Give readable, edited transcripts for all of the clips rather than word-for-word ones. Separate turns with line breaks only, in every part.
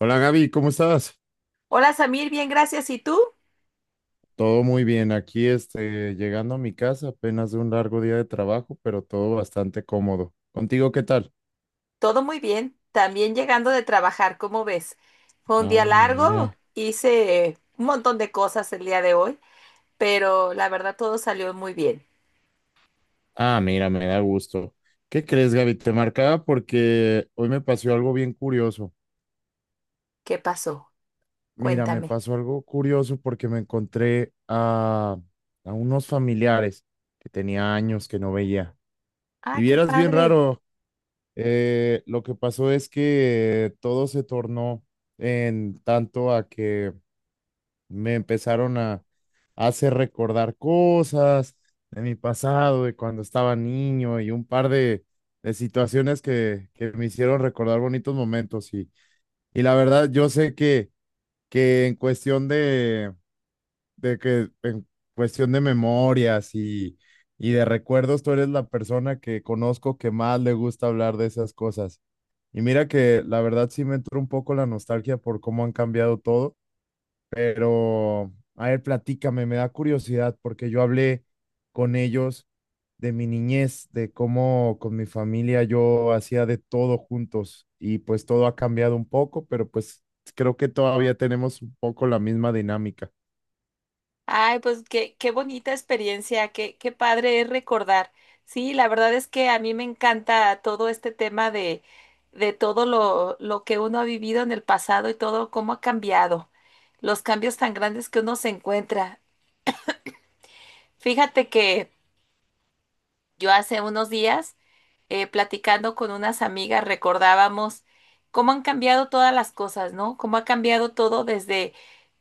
Hola Gaby, ¿cómo estás?
Hola Samir, bien, gracias. ¿Y tú?
Todo muy bien. Aquí llegando a mi casa apenas de un largo día de trabajo, pero todo bastante cómodo. ¿Contigo qué tal?
Todo muy bien. También llegando de trabajar, ¿cómo ves? Fue un día
Ah,
largo,
mira.
hice un montón de cosas el día de hoy, pero la verdad todo salió muy bien.
Ah, mira, me da gusto. ¿Qué crees, Gaby? Te marcaba porque hoy me pasó algo bien curioso.
¿Qué pasó?
Mira, me
Cuéntame.
pasó algo curioso porque me encontré a unos familiares que tenía años que no veía.
Ah,
Y
qué
vieras bien
padre.
raro. Lo que pasó es que todo se tornó en tanto a que me empezaron a hacer recordar cosas de mi pasado, de cuando estaba niño y un par de situaciones que me hicieron recordar bonitos momentos. Y la verdad, yo sé que en cuestión de que en cuestión de memorias y de recuerdos, tú eres la persona que conozco que más le gusta hablar de esas cosas. Y mira que la verdad sí me entró un poco la nostalgia por cómo han cambiado todo, pero a ver, platícame, me da curiosidad porque yo hablé con ellos de mi niñez, de cómo con mi familia yo hacía de todo juntos y pues todo ha cambiado un poco, pero pues creo que todavía tenemos un poco la misma dinámica.
Ay, pues qué, qué bonita experiencia, qué, qué padre es recordar. Sí, la verdad es que a mí me encanta todo este tema de todo lo que uno ha vivido en el pasado y todo cómo ha cambiado, los cambios tan grandes que uno se encuentra. Fíjate que yo hace unos días, platicando con unas amigas, recordábamos cómo han cambiado todas las cosas, ¿no? Cómo ha cambiado todo desde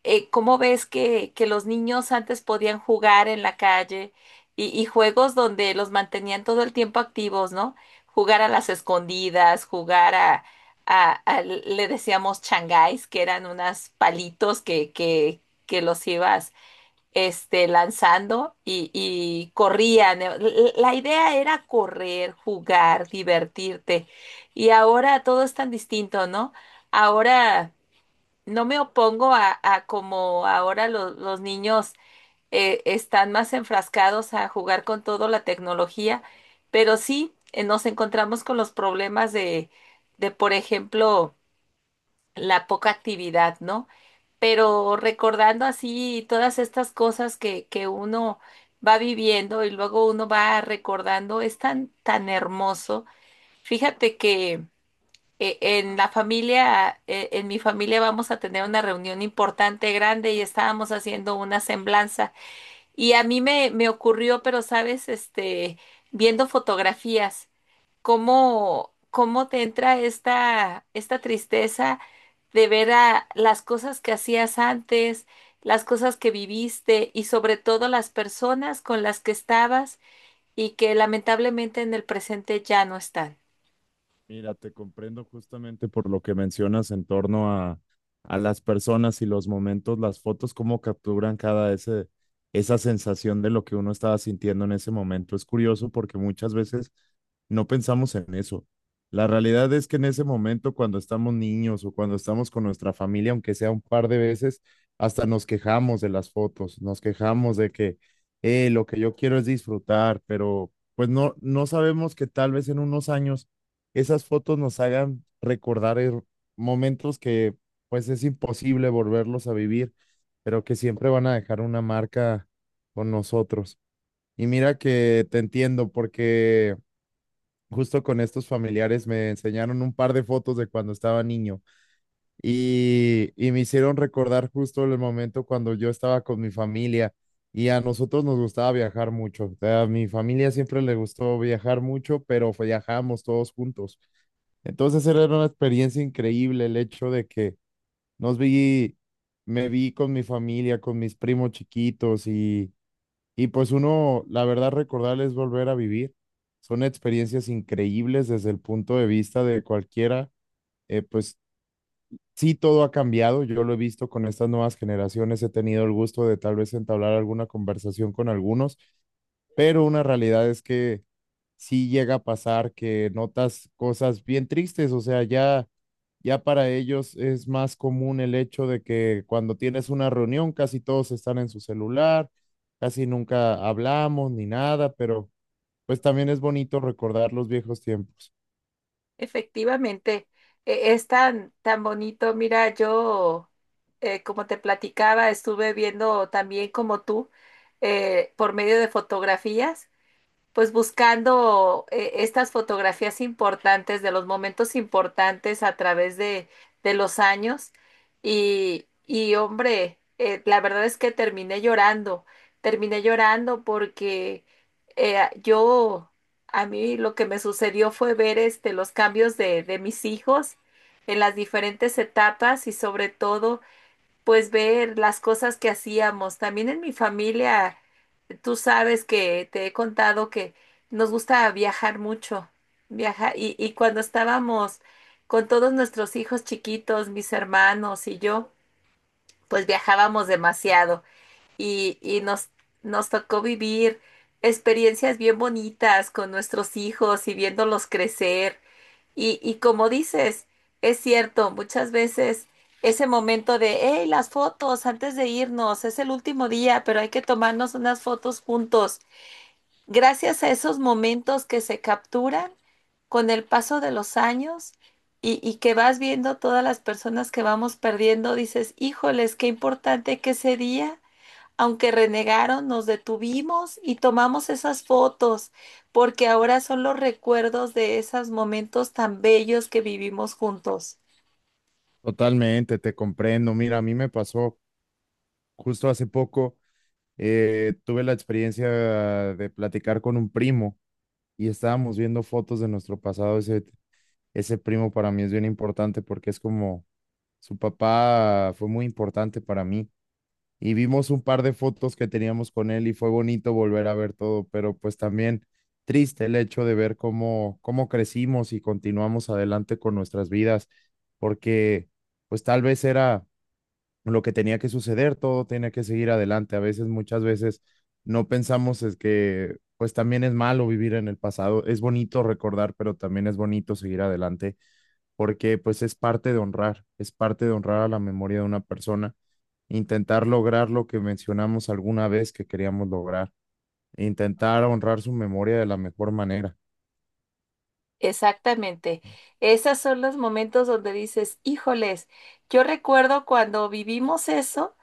cómo ves que los niños antes podían jugar en la calle y juegos donde los mantenían todo el tiempo activos, ¿no? Jugar a las escondidas, jugar a, le decíamos changáis, que eran unos palitos que los ibas lanzando y corrían. La idea era correr, jugar, divertirte. Y ahora todo es tan distinto, ¿no? Ahora no me opongo a como ahora los niños están más enfrascados a jugar con toda la tecnología, pero sí nos encontramos con los problemas de, por ejemplo, la poca actividad, ¿no? Pero recordando así todas estas cosas que uno va viviendo y luego uno va recordando, es tan, tan hermoso. Fíjate que en mi familia vamos a tener una reunión importante, grande, y estábamos haciendo una semblanza. Y a mí me ocurrió, pero sabes, viendo fotografías cómo, cómo te entra esta, esta tristeza de ver a las cosas que hacías antes, las cosas que viviste y sobre todo las personas con las que estabas y que lamentablemente en el presente ya no están.
Mira, te comprendo justamente por lo que mencionas en torno a las personas y los momentos, las fotos, cómo capturan cada ese, esa sensación de lo que uno estaba sintiendo en ese momento. Es curioso porque muchas veces no pensamos en eso. La realidad es que en ese momento, cuando estamos niños o cuando estamos con nuestra familia, aunque sea un par de veces, hasta nos quejamos de las fotos, nos quejamos de que lo que yo quiero es disfrutar, pero pues no, no sabemos que tal vez en unos años esas fotos nos hagan recordar her- momentos que pues es imposible volverlos a vivir, pero que siempre van a dejar una marca con nosotros. Y mira que te entiendo porque justo con estos familiares me enseñaron un par de fotos de cuando estaba niño y me hicieron recordar justo el momento cuando yo estaba con mi familia. Y a nosotros nos gustaba viajar mucho. A mi familia siempre le gustó viajar mucho, pero viajábamos todos juntos. Entonces era una experiencia increíble el hecho de que nos vi, me vi con mi familia, con mis primos chiquitos y pues uno, la verdad, recordar es volver a vivir. Son experiencias increíbles desde el punto de vista de cualquiera. Pues sí, todo ha cambiado. Yo lo he visto con estas nuevas generaciones. He tenido el gusto de tal vez entablar alguna conversación con algunos, pero una realidad es que sí llega a pasar que notas cosas bien tristes, o sea, ya, ya para ellos es más común el hecho de que cuando tienes una reunión casi todos están en su celular, casi nunca hablamos ni nada, pero pues también es bonito recordar los viejos tiempos.
Efectivamente, es tan, tan bonito. Mira, yo, como te platicaba, estuve viendo también como tú, por medio de fotografías, pues buscando estas fotografías importantes de los momentos importantes a través de los años y hombre, la verdad es que terminé llorando porque eh, yo, a mí lo que me sucedió fue ver los cambios de mis hijos en las diferentes etapas y sobre todo pues ver las cosas que hacíamos. También en mi familia, tú sabes que te he contado que nos gusta viajar mucho, viajar, y cuando estábamos con todos nuestros hijos chiquitos, mis hermanos y yo, pues viajábamos demasiado y nos tocó vivir experiencias bien bonitas con nuestros hijos y viéndolos crecer. Y como dices, es cierto, muchas veces ese momento de, hey, las fotos antes de irnos, es el último día, pero hay que tomarnos unas fotos juntos. Gracias a esos momentos que se capturan con el paso de los años y que vas viendo todas las personas que vamos perdiendo, dices, híjoles, qué importante que ese día. Aunque renegaron, nos detuvimos y tomamos esas fotos, porque ahora son los recuerdos de esos momentos tan bellos que vivimos juntos.
Totalmente, te comprendo. Mira, a mí me pasó justo hace poco. Tuve la experiencia de platicar con un primo y estábamos viendo fotos de nuestro pasado. Ese primo para mí es bien importante porque es como su papá fue muy importante para mí y vimos un par de fotos que teníamos con él y fue bonito volver a ver todo, pero pues también triste el hecho de ver cómo, cómo crecimos y continuamos adelante con nuestras vidas, porque pues tal vez era lo que tenía que suceder, todo tenía que seguir adelante. A veces, muchas veces no pensamos es que pues también es malo vivir en el pasado, es bonito recordar, pero también es bonito seguir adelante porque pues es parte de honrar, es parte de honrar a la memoria de una persona, intentar lograr lo que mencionamos alguna vez que queríamos lograr, intentar honrar su memoria de la mejor manera.
Exactamente. Esos son los momentos donde dices, híjoles, yo recuerdo cuando vivimos eso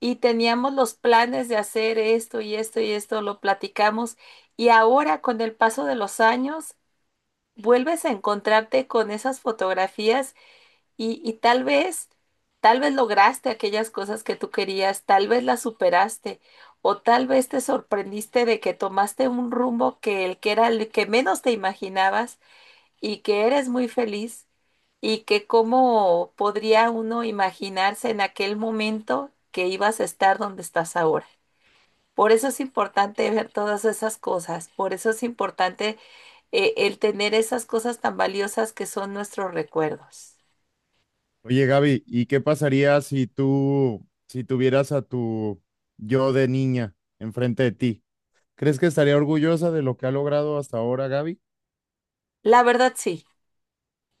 y teníamos los planes de hacer esto y esto y esto, lo platicamos, y ahora con el paso de los años, vuelves a encontrarte con esas fotografías. Y tal vez lograste aquellas cosas que tú querías, tal vez las superaste, o tal vez te sorprendiste de que tomaste un rumbo que el que era el que menos te imaginabas y que eres muy feliz y que cómo podría uno imaginarse en aquel momento que ibas a estar donde estás ahora. Por eso es importante ver todas esas cosas, por eso es importante el tener esas cosas tan valiosas que son nuestros recuerdos.
Oye, Gaby, ¿y qué pasaría si tú, si tuvieras a tu yo de niña enfrente de ti? ¿Crees que estaría orgullosa de lo que ha logrado hasta ahora, Gaby?
La verdad, sí.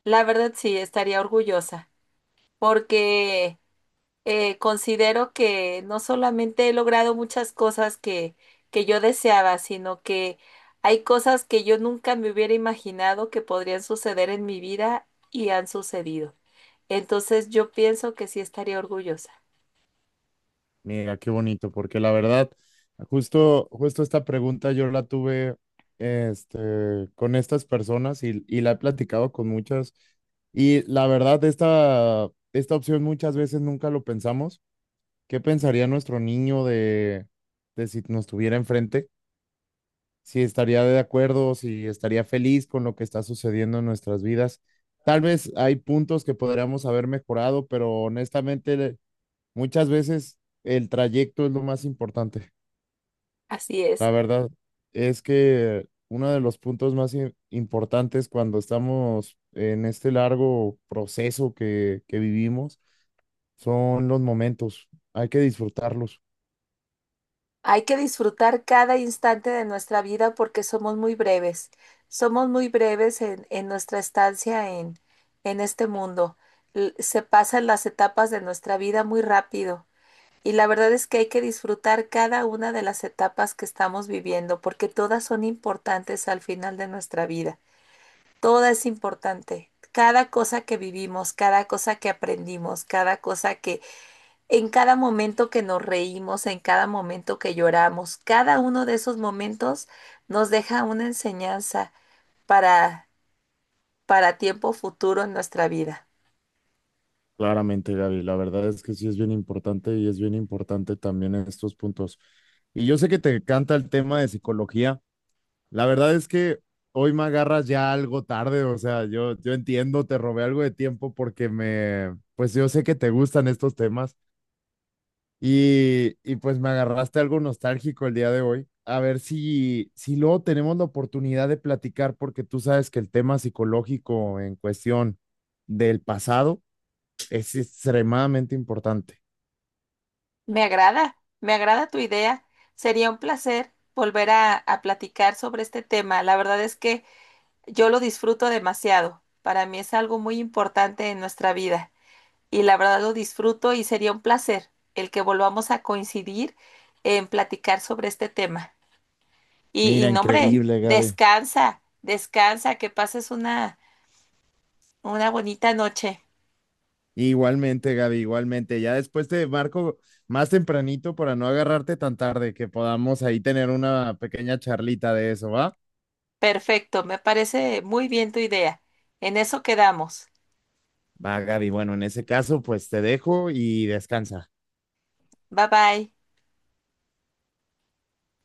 La verdad sí, estaría orgullosa, porque considero que no solamente he logrado muchas cosas que yo deseaba, sino que hay cosas que yo nunca me hubiera imaginado que podrían suceder en mi vida y han sucedido. Entonces yo pienso que sí estaría orgullosa.
Mira, qué bonito, porque la verdad, justo, justo esta pregunta yo la tuve este, con estas personas y la he platicado con muchas. Y la verdad, esta opción muchas veces nunca lo pensamos. ¿Qué pensaría nuestro niño de si nos tuviera enfrente? Si estaría de acuerdo, si estaría feliz con lo que está sucediendo en nuestras vidas. Tal vez hay puntos que podríamos haber mejorado, pero honestamente muchas veces el trayecto es lo más importante.
Así es.
La verdad es que uno de los puntos más i- importantes cuando estamos en este largo proceso que vivimos son los momentos. Hay que disfrutarlos.
Hay que disfrutar cada instante de nuestra vida porque somos muy breves. Somos muy breves en nuestra estancia en este mundo. Se pasan las etapas de nuestra vida muy rápido. Y la verdad es que hay que disfrutar cada una de las etapas que estamos viviendo porque todas son importantes al final de nuestra vida. Toda es importante. Cada cosa que vivimos, cada cosa que aprendimos, cada cosa que en cada momento que nos reímos, en cada momento que lloramos, cada uno de esos momentos nos deja una enseñanza para, para tiempo futuro en nuestra vida.
Claramente, Gaby, la verdad es que sí es bien importante y es bien importante también estos puntos. Y yo sé que te encanta el tema de psicología. La verdad es que hoy me agarras ya algo tarde, o sea, yo entiendo, te robé algo de tiempo porque me, pues yo sé que te gustan estos temas y pues me agarraste algo nostálgico el día de hoy. A ver si, si luego tenemos la oportunidad de platicar porque tú sabes que el tema psicológico en cuestión del pasado es extremadamente importante.
Me agrada tu idea. Sería un placer volver a platicar sobre este tema. La verdad es que yo lo disfruto demasiado. Para mí es algo muy importante en nuestra vida y la verdad lo disfruto y sería un placer el que volvamos a coincidir en platicar sobre este tema. Y
Mira,
no, hombre,
increíble, Gaby.
descansa, descansa, que pases una bonita noche.
Igualmente, Gaby, igualmente. Ya después te marco más tempranito para no agarrarte tan tarde, que podamos ahí tener una pequeña charlita de eso, ¿va?
Perfecto, me parece muy bien tu idea. En eso quedamos.
Va, Gaby. Bueno, en ese caso, pues te dejo y descansa.
Bye bye.